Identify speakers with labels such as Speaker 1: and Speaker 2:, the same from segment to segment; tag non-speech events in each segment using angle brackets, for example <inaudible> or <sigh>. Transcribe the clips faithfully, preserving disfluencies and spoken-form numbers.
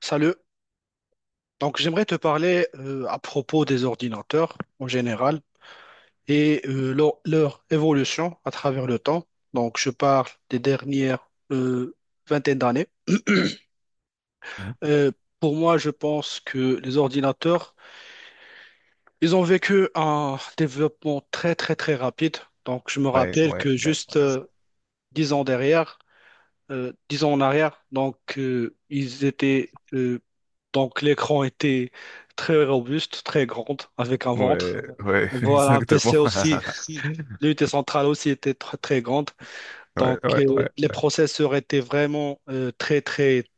Speaker 1: Salut. Donc, j'aimerais te parler euh, à propos des ordinateurs en général et euh, leur, leur évolution à travers le temps. Donc, je parle des dernières euh, vingtaines d'années.
Speaker 2: Mhm.
Speaker 1: Euh, pour moi, je pense que les ordinateurs, ils ont vécu un développement très, très, très rapide. Donc, je me
Speaker 2: Ouais,
Speaker 1: rappelle
Speaker 2: ouais,
Speaker 1: que
Speaker 2: ouais,
Speaker 1: juste
Speaker 2: ouais,
Speaker 1: euh, dix ans derrière, euh, dix ans en arrière, donc, euh, ils étaient, euh, donc, l'écran était très robuste, très grand, avec un ventre.
Speaker 2: ouais, <laughs>
Speaker 1: Voilà, un P C
Speaker 2: exactement.
Speaker 1: aussi, <laughs>
Speaker 2: <laughs>
Speaker 1: l'unité centrale aussi était tr- très grande.
Speaker 2: Ouais,
Speaker 1: Donc,
Speaker 2: ouais,
Speaker 1: euh,
Speaker 2: ouais,
Speaker 1: les
Speaker 2: ouais.
Speaker 1: processeurs étaient vraiment euh, très, très,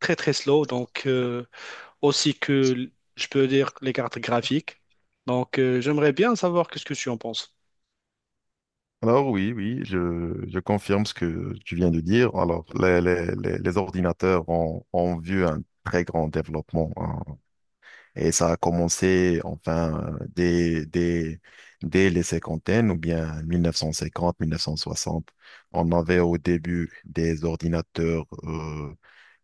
Speaker 1: très, très slow. Donc, euh, aussi que, l- je peux dire, les cartes graphiques. Donc, euh, j'aimerais bien savoir qu'est-ce que tu en penses.
Speaker 2: Alors oui, oui, je, je confirme ce que tu viens de dire. Alors, les, les, les, les ordinateurs ont, ont vu un très grand développement, hein. Et ça a commencé, enfin, euh, dès, dès, dès les cinquantaines ou bien mille neuf cent cinquante, mille neuf cent soixante. On avait au début des ordinateurs euh,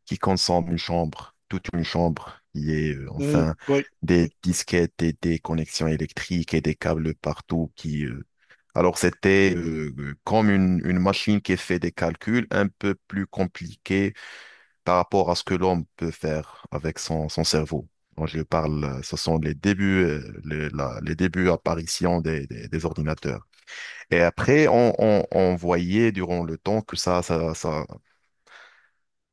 Speaker 2: qui consomme une chambre, toute une chambre. Il y a euh,
Speaker 1: Mhm,
Speaker 2: enfin
Speaker 1: oui,
Speaker 2: des disquettes et des connexions électriques et des câbles partout qui... euh, Alors c'était euh, euh, comme une, une machine qui fait des calculs un peu plus compliqués par rapport à ce que l'homme peut faire avec son, son cerveau. Quand je parle, euh, ce sont les débuts, euh, les, la- les débuts apparition des, des, des ordinateurs. Et après, on, on, on voyait durant le temps que ça, ça, ça,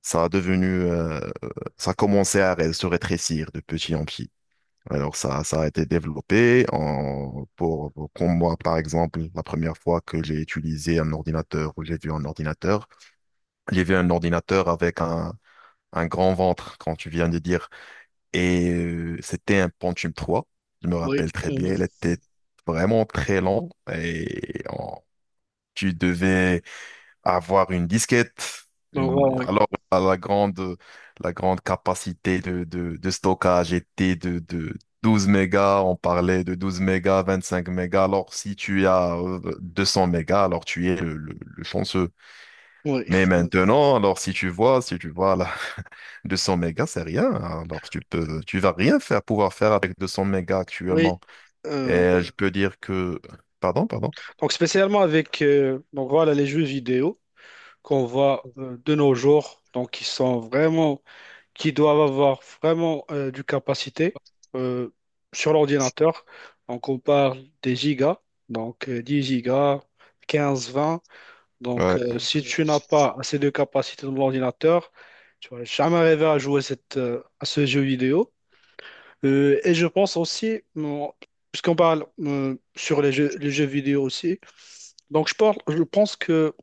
Speaker 2: ça a devenu, euh, ça commençait à ré- se rétrécir de petit en petit. Alors ça, ça a été développé en, pour, pour pour moi, par exemple, la première fois que j'ai utilisé un ordinateur ou j'ai vu un ordinateur, j'ai vu un ordinateur avec un, un grand ventre, quand tu viens de dire, et euh, c'était un Pentium trois. Je me
Speaker 1: oui,
Speaker 2: rappelle très
Speaker 1: mhm.
Speaker 2: bien, il était vraiment très lent et on- tu devais avoir une disquette,
Speaker 1: Donc, voilà,
Speaker 2: une-
Speaker 1: oui.
Speaker 2: alors la, la grande, la grande capacité de, de, de stockage était de, de douze mégas, on parlait de douze mégas, vingt-cinq mégas, alors si tu as euh, deux cents mégas, alors tu es le, le- le chanceux.
Speaker 1: Oui,
Speaker 2: Mais ouais. Maintenant, alors si tu vois, si tu vois là, <laughs> deux cents mégas, c'est rien, alors tu peux, tu vas rien faire, pouvoir faire avec deux cents mégas
Speaker 1: oui.
Speaker 2: actuellement.
Speaker 1: Euh,
Speaker 2: Et je peux dire que, pardon, pardon,
Speaker 1: donc, Spécialement avec euh, donc, voilà, les jeux vidéo qu'on voit euh, de nos jours. Donc, ils sont vraiment qui doivent avoir vraiment euh, du capacité euh, sur l'ordinateur. Donc, on parle des gigas, donc euh, dix gigas, quinze, vingt. Donc,
Speaker 2: Ouais,
Speaker 1: euh, si tu n'as pas assez de capacité dans l'ordinateur, tu vas jamais arriver à jouer cette, euh, à ce jeu vidéo. Euh, et je pense aussi, bon, puisqu'on parle euh, sur les jeux, les jeux vidéo aussi, donc je parle, je pense que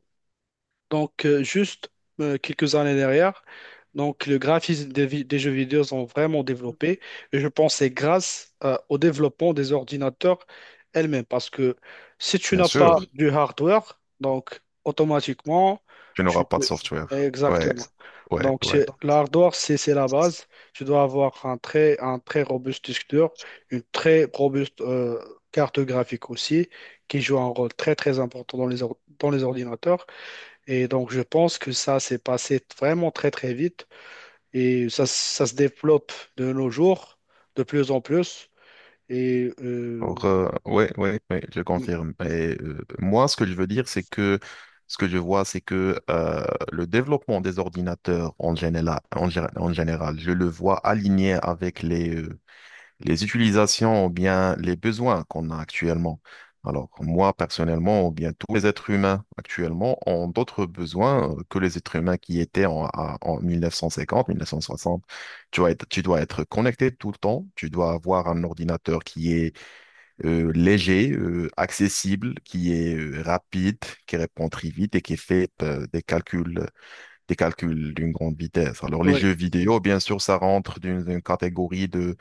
Speaker 1: donc, euh, juste euh, quelques années derrière, donc le graphisme des, vi- des jeux vidéo ont vraiment développé. Et je pense que c'est grâce euh, au développement des ordinateurs elles-mêmes. Parce que si tu
Speaker 2: bien
Speaker 1: n'as
Speaker 2: sûr,
Speaker 1: pas du hardware, donc automatiquement,
Speaker 2: tu
Speaker 1: tu
Speaker 2: n'auras pas
Speaker 1: te...
Speaker 2: de software. Ouais,
Speaker 1: Exactement.
Speaker 2: ouais,
Speaker 1: Donc,
Speaker 2: ouais.
Speaker 1: c'est- l'hardware, c'est c'est la base. Tu dois avoir un très, un très robuste disque dur, une très robuste euh, carte graphique aussi, qui joue un rôle très, très important dans les, or- dans les ordinateurs. Et donc, je pense que ça s'est passé vraiment très, très vite et ça, ça se développe de nos jours de plus en plus. Et euh,
Speaker 2: Or, euh, ouais, ouais, ouais, je
Speaker 1: oui,
Speaker 2: confirme. Et, euh, moi, ce que je veux dire, c'est que ce que je vois, c'est que euh, le développement des ordinateurs en général, en, gé- en général, je le vois aligné avec les, euh, les utilisations ou bien les besoins qu'on a actuellement. Alors, moi, personnellement, ou bien tous les êtres humains actuellement ont d'autres besoins euh, que les êtres humains qui étaient en, à- en mille neuf cent cinquante, mille neuf cent soixante. Tu dois être, tu dois être connecté tout le temps, tu dois avoir un ordinateur qui est euh, léger, euh, accessible, qui est euh, rapide, qui répond très vite et qui fait euh, des calculs, des calculs d'une grande vitesse. Alors les jeux vidéo, bien sûr, ça rentre dans une catégorie de,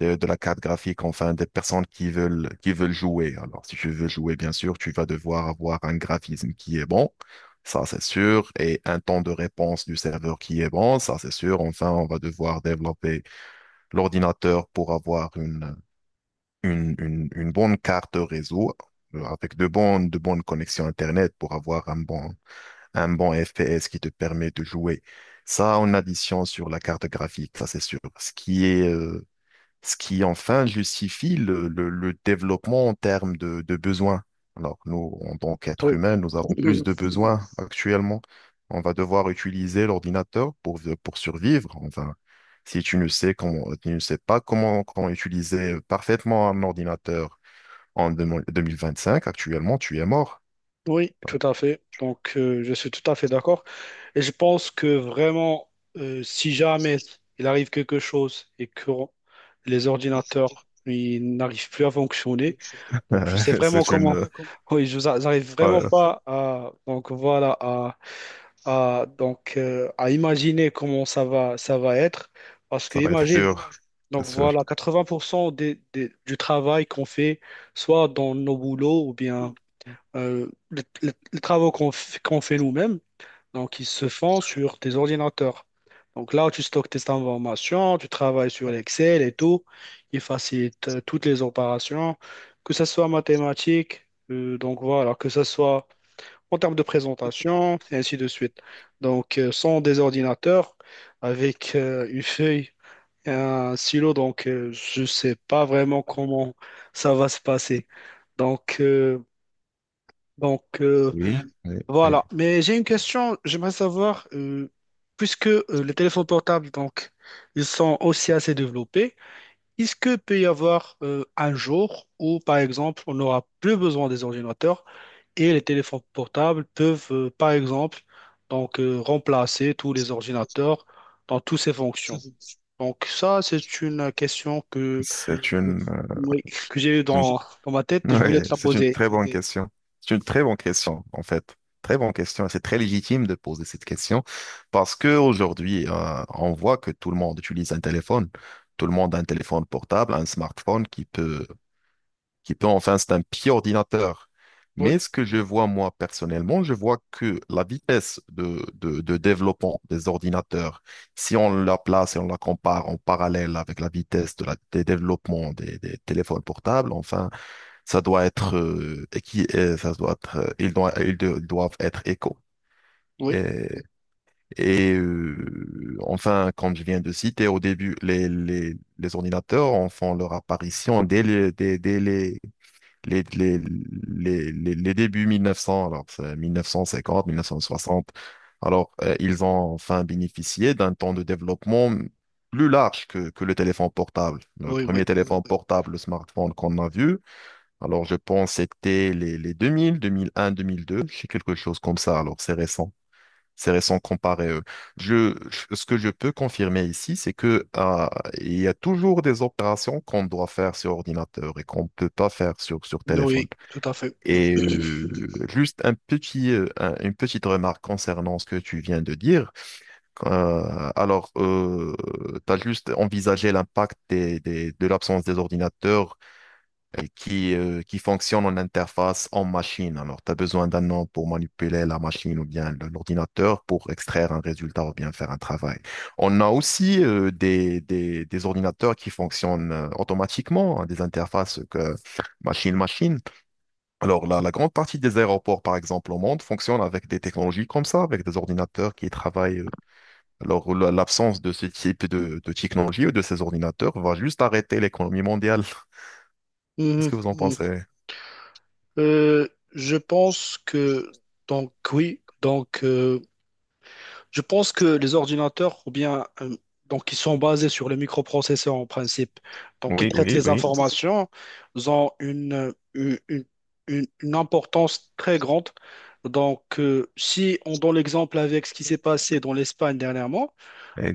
Speaker 2: de, de la carte graphique, enfin des personnes qui veulent, qui veulent jouer. Alors si tu veux jouer, bien sûr, tu vas devoir avoir un graphisme qui est bon. Ça, c'est sûr. Et un temps de réponse du serveur qui est bon. Ça, c'est sûr. Enfin, on va devoir développer l'ordinateur pour avoir une, une, une- une bonne carte réseau euh, avec de bonnes, de bonnes connexions Internet pour avoir un bon, un bon F P S qui te permet de jouer. Ça en addition sur la carte graphique, ça c'est sûr. Ce qui est, euh, ce qui enfin justifie le, le- le développement en termes de, de besoins. Alors nous, en tant qu'êtres
Speaker 1: oui,
Speaker 2: humains, nous avons plus
Speaker 1: <clears throat>
Speaker 2: de besoins actuellement. On va devoir utiliser l'ordinateur pour, pour survivre. Enfin, si tu ne sais comment, tu ne sais pas comment, comment utiliser parfaitement un ordinateur en deux- 2025, actuellement, tu es mort.
Speaker 1: oui, tout à fait. Donc, euh, je suis tout à fait d'accord. Et je pense que vraiment, euh, si jamais il arrive quelque chose et que les ordinateurs ils n'arrivent plus à fonctionner, donc je sais
Speaker 2: <laughs>
Speaker 1: vraiment
Speaker 2: C'est
Speaker 1: comment.
Speaker 2: une...
Speaker 1: <laughs> Oui, je n'arrive vraiment
Speaker 2: Ouais,
Speaker 1: pas à. Donc, voilà, à à, donc, euh, à imaginer comment ça va, ça va être. Parce que
Speaker 2: ça va être
Speaker 1: imagine,
Speaker 2: dur, c'est
Speaker 1: donc
Speaker 2: sûr.
Speaker 1: voilà, quatre-vingts pour cent des, des- du travail qu'on fait, soit dans nos boulots ou bien euh, les, les- les travaux qu'on f- qu'on fait nous-mêmes, donc ils se font sur des ordinateurs. Donc là, tu stockes tes informations, tu travailles sur l'Excel et tout. Il facilite euh, toutes les opérations, que ce soit mathématiques, euh, donc voilà, que ce soit en termes de présentation, et ainsi de suite. Donc, euh, sans des ordinateurs, avec euh, une feuille et un stylo, donc euh, je ne sais pas vraiment comment ça va se passer. Donc, euh, donc euh,
Speaker 2: Oui, oui. Oui.
Speaker 1: voilà. Mais j'ai une question, j'aimerais savoir, euh, puisque euh, les téléphones portables, donc, ils sont aussi assez développés, est-ce que peut y avoir euh, un jour où, par exemple, on n'aura plus besoin des ordinateurs? Et les téléphones portables peuvent, euh, par exemple, donc, euh, remplacer tous les ordinateurs dans toutes ces fonctions. Donc ça, c'est une question que,
Speaker 2: C'est une, euh,
Speaker 1: oui, que j'ai eu
Speaker 2: une
Speaker 1: dans, dans ma tête et je voulais te
Speaker 2: ouais,
Speaker 1: la
Speaker 2: c'est une
Speaker 1: poser.
Speaker 2: très bonne question. C'est une très bonne question, en fait. Très bonne question. C'est très légitime de poser cette question parce que aujourd'hui, euh, on voit que tout le monde utilise un téléphone. Tout le monde a un téléphone portable, un smartphone qui peut, qui peut, enfin, c'est un petit ordinateur.
Speaker 1: Oui,
Speaker 2: Mais ce que je vois, moi, personnellement, je vois que la vitesse de, de, de développement des ordinateurs, si on la place et on la compare en parallèle avec la vitesse de la, des développements des des téléphones portables, enfin, ça doit être euh, et qui euh, ça doit être, euh, ils doivent, ils de- ils doivent être éco.
Speaker 1: oui,
Speaker 2: Et, et, euh, enfin, comme je viens de citer au début, les, les, les ordinateurs en font leur apparition dès les, dès, dès les, les, les, les, les, les débuts mille neuf cents, alors c'est mille neuf cent cinquante, mille neuf cent soixante. Alors, euh, ils ont enfin bénéficié d'un temps de développement plus large que, que le téléphone portable. Le
Speaker 1: oui,
Speaker 2: premier
Speaker 1: oui,
Speaker 2: téléphone portable, le smartphone qu'on a vu, alors, je pense que c'était les, les deux mille, deux mille un, deux mille deux, c'est quelque chose comme ça. Alors, c'est récent. C'est récent comparé à eux. Je, je- ce que je peux confirmer ici, c'est que, ah, il y a toujours des opérations qu'on doit faire sur ordinateur et qu'on ne peut pas faire sur, sur téléphone.
Speaker 1: oui, tout à fait.
Speaker 2: Et euh, juste un petit, euh, un- une petite remarque concernant ce que tu viens de dire. Euh, alors, euh, tu as juste envisagé l'impact des, des- de l'absence des ordinateurs et qui, euh, qui fonctionne en interface en machine. Alors, tu as besoin d'un nom pour manipuler la machine ou bien le- l'ordinateur pour extraire un résultat ou bien faire un travail. On a aussi euh, des, des, des ordinateurs qui fonctionnent euh, automatiquement, hein, des interfaces que machine-machine. Alors, la, la grande partie des aéroports, par exemple, au monde, fonctionnent avec des technologies comme ça, avec des ordinateurs qui travaillent. euh, Alors, la- l'absence de ce type de, de technologie ou de ces ordinateurs va juste arrêter l'économie mondiale. <laughs> Qu'est-ce
Speaker 1: Mhm,
Speaker 2: que vous en
Speaker 1: mhm.
Speaker 2: pensez?
Speaker 1: Euh, je pense que, donc oui, donc euh, je pense que les ordinateurs, ou bien, euh, donc, ils sont basés sur les microprocesseurs en principe. Donc, ils
Speaker 2: Oui,
Speaker 1: traitent
Speaker 2: oui,
Speaker 1: les
Speaker 2: oui.
Speaker 1: informations, ils ont une, euh, une, une- une- une importance très grande. Donc, euh, si on donne l'exemple avec ce qui s'est passé dans l'Espagne dernièrement,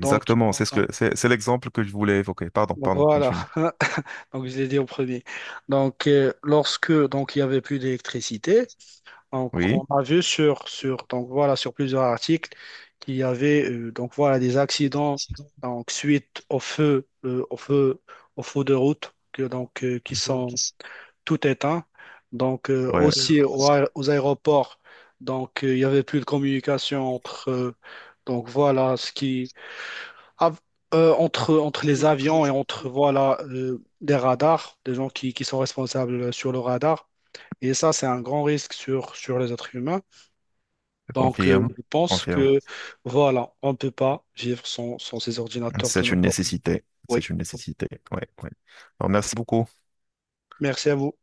Speaker 1: donc,
Speaker 2: C'est ce que
Speaker 1: donc,
Speaker 2: c'est c'est l'exemple que je voulais évoquer. Pardon,
Speaker 1: donc
Speaker 2: pardon,
Speaker 1: voilà,
Speaker 2: continue.
Speaker 1: <laughs> donc je l'ai dit au premier. Donc, euh, lorsque donc il y avait plus d'électricité, donc, on
Speaker 2: Oui,
Speaker 1: a vu sur, sur, donc voilà, sur plusieurs articles qu'il y avait euh, donc voilà, des accidents donc, suite au feu, euh, au feu, au feu de route que, donc, euh, qui sont tout éteints. Donc, euh,
Speaker 2: ouais,
Speaker 1: aussi au aé- aux aéroports, donc, euh, il y avait plus de communication entre, euh, donc, voilà, ce qui, av- euh, entre, entre les avions et entre voilà, euh, des radars, des gens qui, qui sont responsables sur le radar. Et ça, c'est un grand risque sur, sur les êtres humains.
Speaker 2: je
Speaker 1: Donc, euh,
Speaker 2: confirme,
Speaker 1: je pense
Speaker 2: confirme.
Speaker 1: que voilà, on ne peut pas vivre sans, sans ces ordinateurs de
Speaker 2: C'est
Speaker 1: nos
Speaker 2: une
Speaker 1: jours.
Speaker 2: nécessité.
Speaker 1: Oui,
Speaker 2: C'est une nécessité. Ouais, ouais. Alors, merci beaucoup.
Speaker 1: merci à vous.